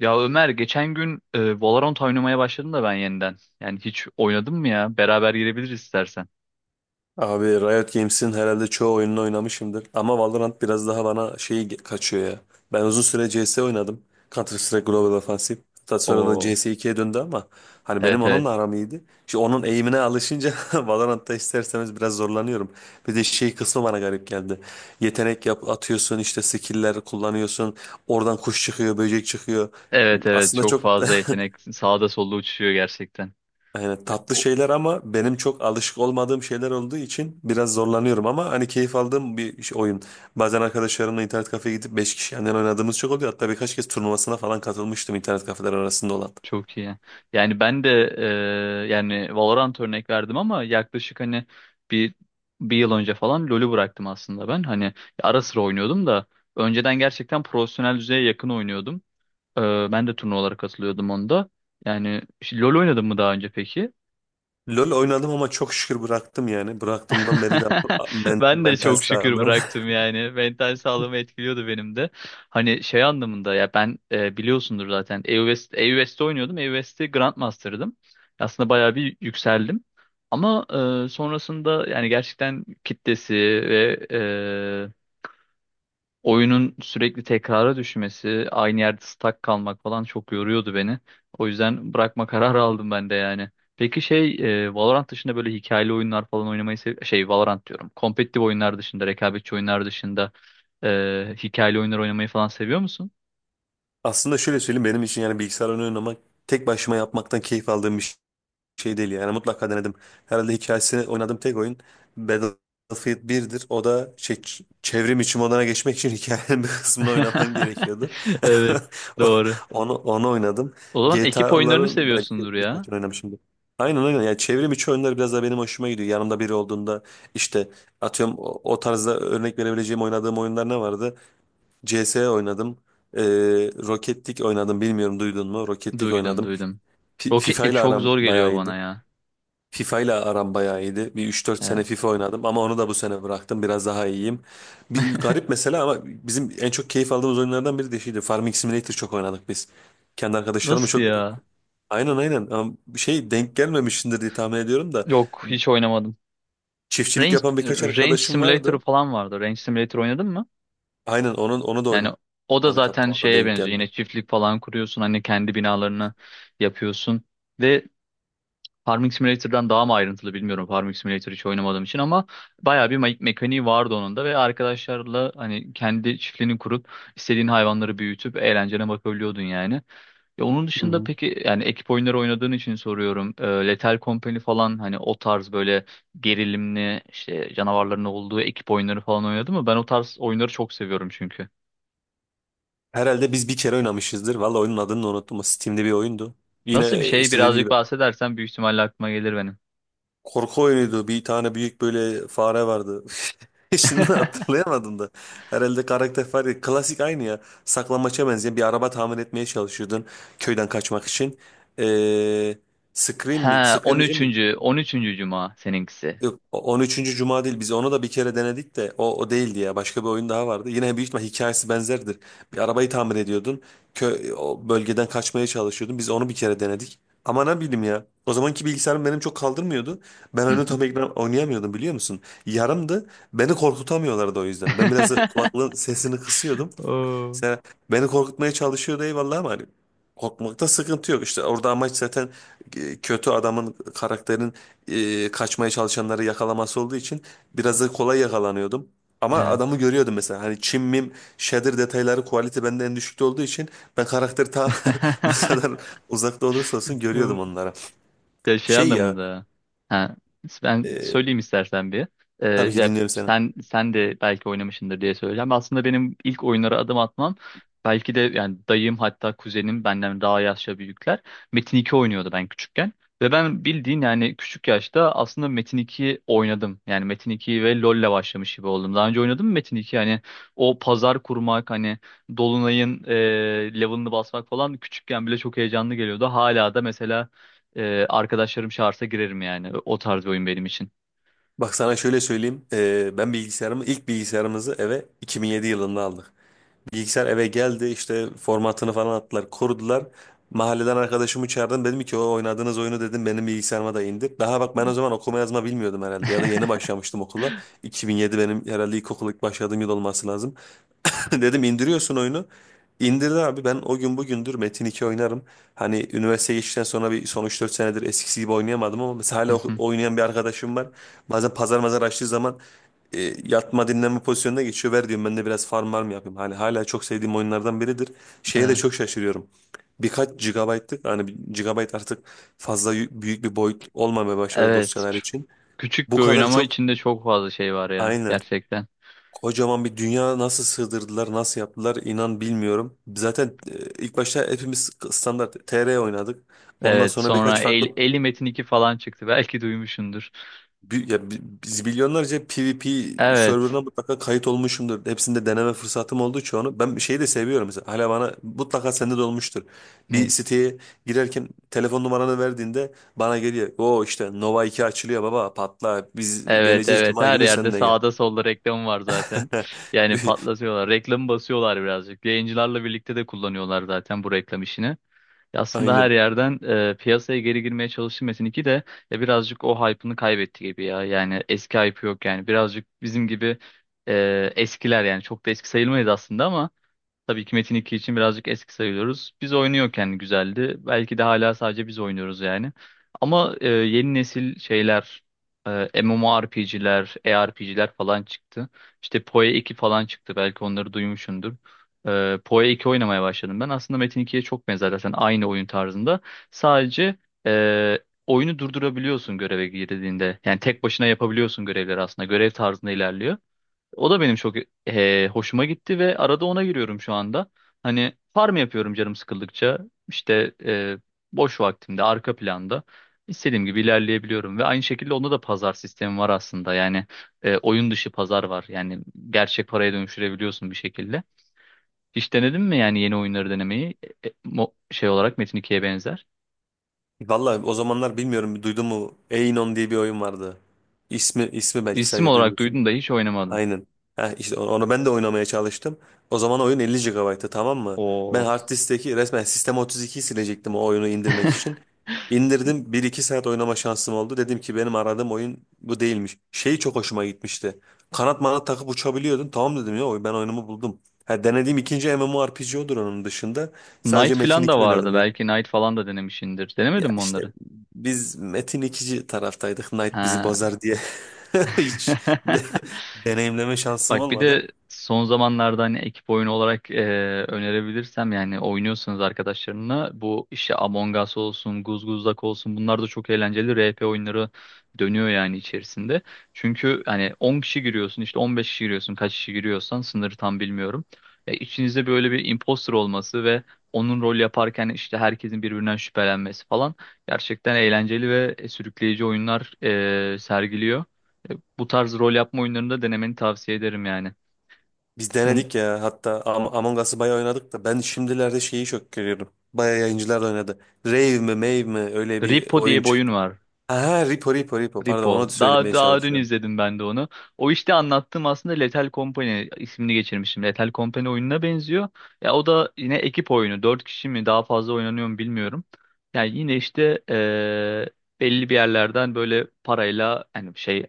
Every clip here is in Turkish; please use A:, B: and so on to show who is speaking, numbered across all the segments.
A: Ya Ömer geçen gün Valorant oynamaya başladım da ben yeniden. Yani hiç oynadın mı ya? Beraber girebiliriz istersen.
B: Abi Riot Games'in herhalde çoğu oyununu oynamışımdır. Ama Valorant biraz daha bana kaçıyor ya. Ben uzun süre CS oynadım. Counter Strike Global Offensive. Hatta sonra da
A: Oo.
B: CS2'ye döndü ama hani benim
A: Evet, evet.
B: onunla aram iyiydi. Şimdi onun eğimine alışınca Valorant'ta isterseniz biraz zorlanıyorum. Bir de şey kısmı bana garip geldi. Yetenek atıyorsun işte skill'ler kullanıyorsun. Oradan kuş çıkıyor, böcek çıkıyor.
A: Evet, evet.
B: Aslında
A: Çok
B: çok
A: fazla yetenek sağda solda uçuşuyor gerçekten.
B: yani tatlı
A: O-
B: şeyler ama benim çok alışık olmadığım şeyler olduğu için biraz zorlanıyorum ama hani keyif aldığım bir oyun. Bazen arkadaşlarımla internet kafeye gidip 5 kişi yandan oynadığımız çok oluyor. Hatta birkaç kez turnuvasına falan katılmıştım internet kafeler arasında olan.
A: Çok iyi. Yani ben de yani Valorant örnek verdim ama yaklaşık hani bir bir yıl önce falan LoL'ü bıraktım aslında ben. Hani ara sıra oynuyordum da önceden gerçekten profesyonel düzeye yakın oynuyordum. E, ben de turnuvalara katılıyordum onda. Yani işte LoL oynadın mı daha önce peki?
B: LoL oynadım ama çok şükür bıraktım yani. Bıraktığımdan beri de
A: Ben de
B: mental
A: çok şükür
B: sağlığım.
A: bıraktım yani. Mental sağlığımı etkiliyordu benim de. Hani şey anlamında ya ben biliyorsundur zaten EU-West'te oynuyordum. EU-West'te Grandmaster'dım. Aslında bayağı bir yükseldim. Ama sonrasında yani gerçekten kitlesi ve oyunun sürekli tekrara düşmesi, aynı yerde stuck kalmak falan çok yoruyordu beni. O yüzden bırakma kararı aldım ben de yani. Peki şey Valorant dışında böyle hikayeli oyunlar falan oynamayı şey Valorant diyorum. Kompetitif oyunlar dışında, rekabetçi oyunlar dışında hikayeli oyunlar oynamayı falan seviyor musun?
B: Aslında şöyle söyleyeyim, benim için yani bilgisayar oyunu oynamak tek başıma yapmaktan keyif aldığım bir şey. Şey değil yani, mutlaka denedim. Herhalde hikayesini oynadığım tek oyun Battlefield birdir. O da çevrim içi moduna geçmek için hikayenin bir kısmını oynaman gerekiyordu.
A: Evet,
B: O-
A: doğru.
B: onu oynadım.
A: O zaman ekip oyunlarını
B: GTA'ların belki
A: seviyorsundur ya.
B: birkaç oynamışımdır. Aynen, aynen, yani çevrim içi oyunlar biraz da benim hoşuma gidiyor. Yanımda biri olduğunda işte atıyorum o tarzda örnek verebileceğim oynadığım oyunlar ne vardı? CS oynadım. Ee, Rocket League oynadım, bilmiyorum duydun mu? Rocket League
A: Duydum,
B: oynadım.
A: duydum. Rocket
B: FIFA
A: League
B: ile
A: çok
B: aram
A: zor
B: bayağı
A: geliyor
B: iyiydi.
A: bana ya.
B: FIFA ile aram bayağı iyiydi. Bir üç dört sene
A: Evet.
B: FIFA oynadım ama onu da bu sene bıraktım. Biraz daha iyiyim. Bir garip mesela ama bizim en çok keyif aldığımız oyunlardan biri de şeydi. Farming Simulator çok oynadık biz. Kendi arkadaşlarımla
A: Nasıl
B: çok,
A: ya?
B: aynen, aynen, ama şey denk gelmemişsindir diye tahmin ediyorum da
A: Yok, hiç oynamadım.
B: çiftçilik
A: Range,
B: yapan birkaç
A: Range
B: arkadaşım
A: Simulator'ı
B: vardı.
A: falan vardı. Range Simulator oynadın mı?
B: Aynen onu da
A: Yani o da
B: oynadık, hatta
A: zaten
B: o da
A: şeye
B: denk
A: benziyor. Yine
B: geldi.
A: çiftlik falan kuruyorsun. Hani kendi binalarını yapıyorsun. Ve Farming Simulator'dan daha mı ayrıntılı bilmiyorum. Farming Simulator hiç oynamadığım için ama bayağı bir mekaniği vardı onun da ve arkadaşlarla hani kendi çiftliğini kurup istediğin hayvanları büyütüp eğlencene bakabiliyordun yani. Ya onun
B: Hı
A: dışında
B: hı.
A: peki yani ekip oyunları oynadığın için soruyorum. Lethal Company falan hani o tarz böyle gerilimli işte canavarların olduğu ekip oyunları falan oynadı mı? Ben o tarz oyunları çok seviyorum çünkü.
B: Herhalde biz bir kere oynamışızdır. Valla oyunun adını da unuttum. O Steam'de bir oyundu.
A: Nasıl bir
B: Yine
A: şey
B: işte dediği
A: birazcık
B: gibi
A: bahsedersen büyük ihtimalle aklıma gelir benim.
B: korku oyunuydu. Bir tane büyük böyle fare vardı. Şimdi hatırlayamadım da. Herhalde karakter fare. Klasik aynı ya. Saklambaça benzeyen bir araba tamir etmeye çalışıyordun. Köyden kaçmak için. Ee, Scream
A: He,
B: mi? Scream diyeceğim.
A: 13. 13. Cuma seninkisi.
B: Yok, 13. Cuma değil. Biz onu da bir kere denedik de o değildi ya. Başka bir oyun daha vardı. Yine büyük ihtimal hikayesi benzerdir. Bir arabayı tamir ediyordun. O bölgeden kaçmaya çalışıyordun. Biz onu bir kere denedik. Ama ne bileyim ya. O zamanki bilgisayarım benim çok kaldırmıyordu. Ben
A: Hı
B: onu
A: hı.
B: tam ekran oynayamıyordum, biliyor musun? Yarımdı. Beni korkutamıyorlardı o yüzden. Ben biraz da kulaklığın sesini kısıyordum.
A: Oo.
B: Mesela beni korkutmaya çalışıyordu, eyvallah, ama hani korkmakta sıkıntı yok. İşte orada amaç zaten kötü adamın, karakterin kaçmaya çalışanları yakalaması olduğu için biraz da kolay yakalanıyordum. Ama
A: Evet.
B: adamı görüyordum mesela. Hani çim mim shader detayları quality bende en düşükte olduğu için ben karakteri ta ne kadar uzakta olursa olsun görüyordum onlara.
A: Ya şey
B: Şey ya
A: anlamında. Ha, ben
B: e,
A: söyleyeyim istersen bir. Ee,
B: tabii ki
A: ya
B: dinliyorum seni.
A: sen de belki oynamışsındır diye söyleyeceğim. Aslında benim ilk oyunlara adım atmam belki de yani dayım hatta kuzenim benden daha yaşça büyükler Metin 2 oynuyordu ben küçükken. Ve ben bildiğin yani küçük yaşta aslında Metin 2 oynadım. Yani Metin 2 ve LoL'le başlamış gibi oldum. Daha önce oynadım mı Metin 2? Yani o pazar kurmak hani Dolunay'ın level'ını basmak falan küçükken bile çok heyecanlı geliyordu. Hala da mesela arkadaşlarım çağırsa girerim yani. O tarz bir oyun benim için.
B: Bak sana şöyle söyleyeyim. Ben ilk bilgisayarımızı eve 2007 yılında aldık. Bilgisayar eve geldi, işte formatını falan attılar, korudular. Mahalleden arkadaşımı çağırdım, dedim ki o oynadığınız oyunu dedim benim bilgisayarıma da indir. Daha bak ben o zaman okuma yazma bilmiyordum herhalde, ya da yeni başlamıştım okula. 2007 benim herhalde ilkokul ilk başladığım yıl olması lazım. Dedim indiriyorsun oyunu. İndirdi abi, ben o gün bugündür Metin 2 oynarım. Hani üniversiteye geçtikten sonra son üç dört senedir eskisi gibi oynayamadım ama mesela
A: Hı
B: hala
A: hı.
B: oynayan bir arkadaşım var. Bazen pazar mazar açtığı zaman yatma dinlenme pozisyonuna geçiyor. Ver diyorum ben de biraz farm var mı yapayım. Hani hala çok sevdiğim oyunlardan biridir. Şeye de
A: Evet.
B: çok şaşırıyorum. Birkaç gigabaytlık, hani 1 gigabayt artık fazla büyük bir boyut olmamaya başladı
A: Evet.
B: dosyalar için.
A: Küçük
B: Bu
A: bir oyun
B: kadar
A: ama
B: çok,
A: içinde çok fazla şey var ya
B: aynen,
A: gerçekten.
B: kocaman bir dünya nasıl sığdırdılar, nasıl yaptılar, inan bilmiyorum. Zaten ilk başta hepimiz standart TR oynadık. Ondan
A: Evet,
B: sonra
A: sonra
B: birkaç farklı
A: Eli Metin 2 falan çıktı. Belki duymuşsundur.
B: biz milyonlarca PvP
A: Evet.
B: serverına mutlaka kayıt olmuşumdur. Hepsinde deneme fırsatım oldu çoğunu. Ben şeyi de seviyorum mesela. Hala bana mutlaka sende de olmuştur. Bir
A: Ne?
B: siteye girerken telefon numaranı verdiğinde bana geliyor. O işte Nova 2 açılıyor, baba patla. Biz
A: Evet,
B: geleceğiz
A: evet.
B: Cuma
A: Her
B: günü,
A: yerde
B: sen de gel.
A: sağda solda reklam var zaten. Yani patlatıyorlar. Reklamı basıyorlar birazcık. Yayıncılarla birlikte de kullanıyorlar zaten bu reklam işini. Ya aslında her
B: Aynen.
A: yerden piyasaya geri girmeye çalıştı Metin 2 de ya birazcık o hype'ını kaybetti gibi ya. Yani eski hype yok yani. Birazcık bizim gibi eskiler yani çok da eski sayılmayız aslında ama tabii ki Metin 2 için birazcık eski sayılıyoruz. Biz oynuyorken güzeldi. Belki de hala sadece biz oynuyoruz yani. Ama yeni nesil şeyler, MMORPG'ler, ARPG'ler falan çıktı. İşte PoE 2 falan çıktı. Belki onları duymuşsundur. PoE 2 oynamaya başladım ben. Aslında Metin 2'ye çok benzer zaten aynı oyun tarzında. Sadece e, oyunu durdurabiliyorsun göreve girdiğinde. Yani tek başına yapabiliyorsun görevleri aslında. Görev tarzında ilerliyor. O da benim çok hoşuma gitti ve arada ona giriyorum şu anda. Hani farm yapıyorum canım sıkıldıkça. İşte boş vaktimde arka planda istediğim gibi ilerleyebiliyorum ve aynı şekilde onda da pazar sistemi var aslında. Yani oyun dışı pazar var. Yani gerçek paraya dönüştürebiliyorsun bir şekilde. Hiç denedin mi yani yeni oyunları denemeyi? Şey olarak Metin 2'ye benzer.
B: Valla o zamanlar bilmiyorum duydun mu? Einon diye bir oyun vardı. İsmi belki
A: İsim
B: sadece
A: olarak
B: duymuşsun.
A: duydum da hiç oynamadım.
B: Aynen. Heh, işte onu ben de oynamaya çalıştım. O zaman oyun 50 GB'tı, tamam mı? Ben
A: Oo.
B: hard diskteki resmen Sistem 32'yi silecektim o oyunu indirmek için. İndirdim, bir iki saat oynama şansım oldu. Dedim ki benim aradığım oyun bu değilmiş. Şeyi çok hoşuma gitmişti. Kanat manat takıp uçabiliyordun. Tamam dedim ya, ben oyunumu buldum. Ha, denediğim ikinci MMORPG odur onun dışında. Sadece
A: Knight
B: Metin
A: falan da
B: 2
A: vardı.
B: oynadım ya.
A: Belki Knight falan da denemişsindir.
B: Ya
A: Denemedin mi
B: işte
A: onları?
B: biz Metin ikinci taraftaydık. Knight bizi
A: Ha.
B: bozar diye hiç de- deneyimleme şansım
A: Bak bir
B: olmadı.
A: de son zamanlarda hani ekip oyunu olarak önerebilirsem yani oynuyorsanız arkadaşlarınla bu işte Among Us olsun, Guzguzlak olsun bunlar da çok eğlenceli RP oyunları dönüyor yani içerisinde. Çünkü hani 10 kişi giriyorsun işte 15 kişi giriyorsun kaç kişi giriyorsan sınırı tam bilmiyorum. E, içinizde böyle bir imposter olması ve onun rol yaparken işte herkesin birbirinden şüphelenmesi falan gerçekten eğlenceli ve sürükleyici oyunlar sergiliyor. Bu tarz rol yapma oyunlarında denemeni tavsiye ederim yani.
B: Biz
A: Bun
B: denedik ya, hatta Among Us'ı bayağı oynadık da ben şimdilerde şeyi çok görüyorum. Bayağı yayıncılar da oynadı. Rave mi Mave mi öyle bir
A: Repo
B: oyun
A: diye bir oyun
B: çıktı.
A: var.
B: Ha, ha, Repo, Repo, Repo, pardon, onu
A: Repo.
B: da
A: Daha
B: söylemeye
A: daha dün
B: çalışıyorum.
A: izledim ben de onu. O işte anlattığım aslında Lethal Company ismini geçirmişim. Lethal Company oyununa benziyor. Ya o da yine ekip oyunu. 4 kişi mi daha fazla oynanıyor mu bilmiyorum. Yani yine işte belli bir yerlerden böyle parayla yani şey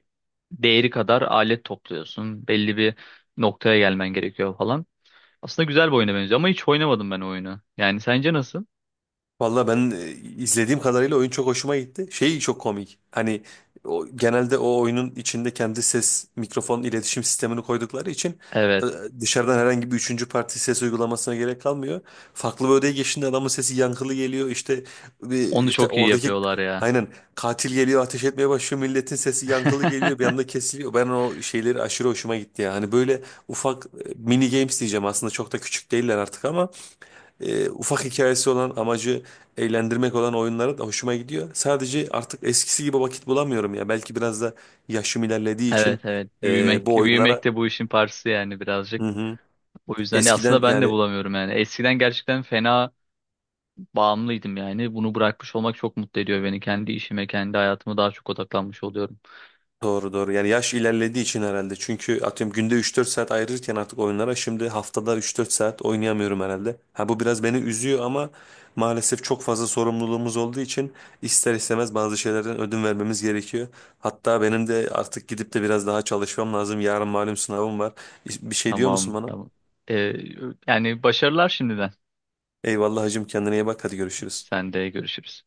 A: değeri kadar alet topluyorsun. Belli bir noktaya gelmen gerekiyor falan. Aslında güzel bir oyuna benziyor ama hiç oynamadım ben o oyunu. Yani sence nasıl?
B: Valla ben izlediğim kadarıyla oyun çok hoşuma gitti. Şey çok komik. Hani genelde o oyunun içinde kendi ses mikrofon iletişim sistemini koydukları için e,
A: Evet.
B: dışarıdan herhangi bir üçüncü parti ses uygulamasına gerek kalmıyor. Farklı bir odaya geçtiğinde adamın sesi yankılı geliyor. İşte
A: Onu
B: işte
A: çok iyi
B: oradaki,
A: yapıyorlar ya.
B: aynen, katil geliyor ateş etmeye başlıyor. Milletin sesi yankılı geliyor, bir anda kesiliyor. Ben o şeyleri aşırı hoşuma gitti ya. Hani böyle ufak mini games diyeceğim, aslında çok da küçük değiller artık ama ufak hikayesi olan, amacı eğlendirmek olan oyunlara da hoşuma gidiyor. Sadece artık eskisi gibi vakit bulamıyorum ya. Belki biraz da yaşım ilerlediği
A: Evet,
B: için
A: evet. Büyümek,
B: bu
A: büyümek
B: oyunlara.
A: de bu işin parçası yani birazcık.
B: Hı hı.
A: O yüzden ya aslında
B: Eskiden
A: ben de
B: yani,
A: bulamıyorum yani. Eskiden gerçekten fena bağımlıydım yani. Bunu bırakmış olmak çok mutlu ediyor beni. Kendi işime, kendi hayatıma daha çok odaklanmış oluyorum.
B: doğru doğru. Yani yaş ilerlediği için herhalde. Çünkü atıyorum günde üç dört saat ayırırken artık oyunlara şimdi haftada üç dört saat oynayamıyorum herhalde. Ha bu biraz beni üzüyor ama maalesef çok fazla sorumluluğumuz olduğu için ister istemez bazı şeylerden ödün vermemiz gerekiyor. Hatta benim de artık gidip de biraz daha çalışmam lazım. Yarın malum sınavım var. Bir şey diyor musun
A: Tamam,
B: bana?
A: tamam. Ee, yani başarılar şimdiden.
B: Eyvallah hacım, kendine iyi bak, hadi görüşürüz.
A: Sen de görüşürüz.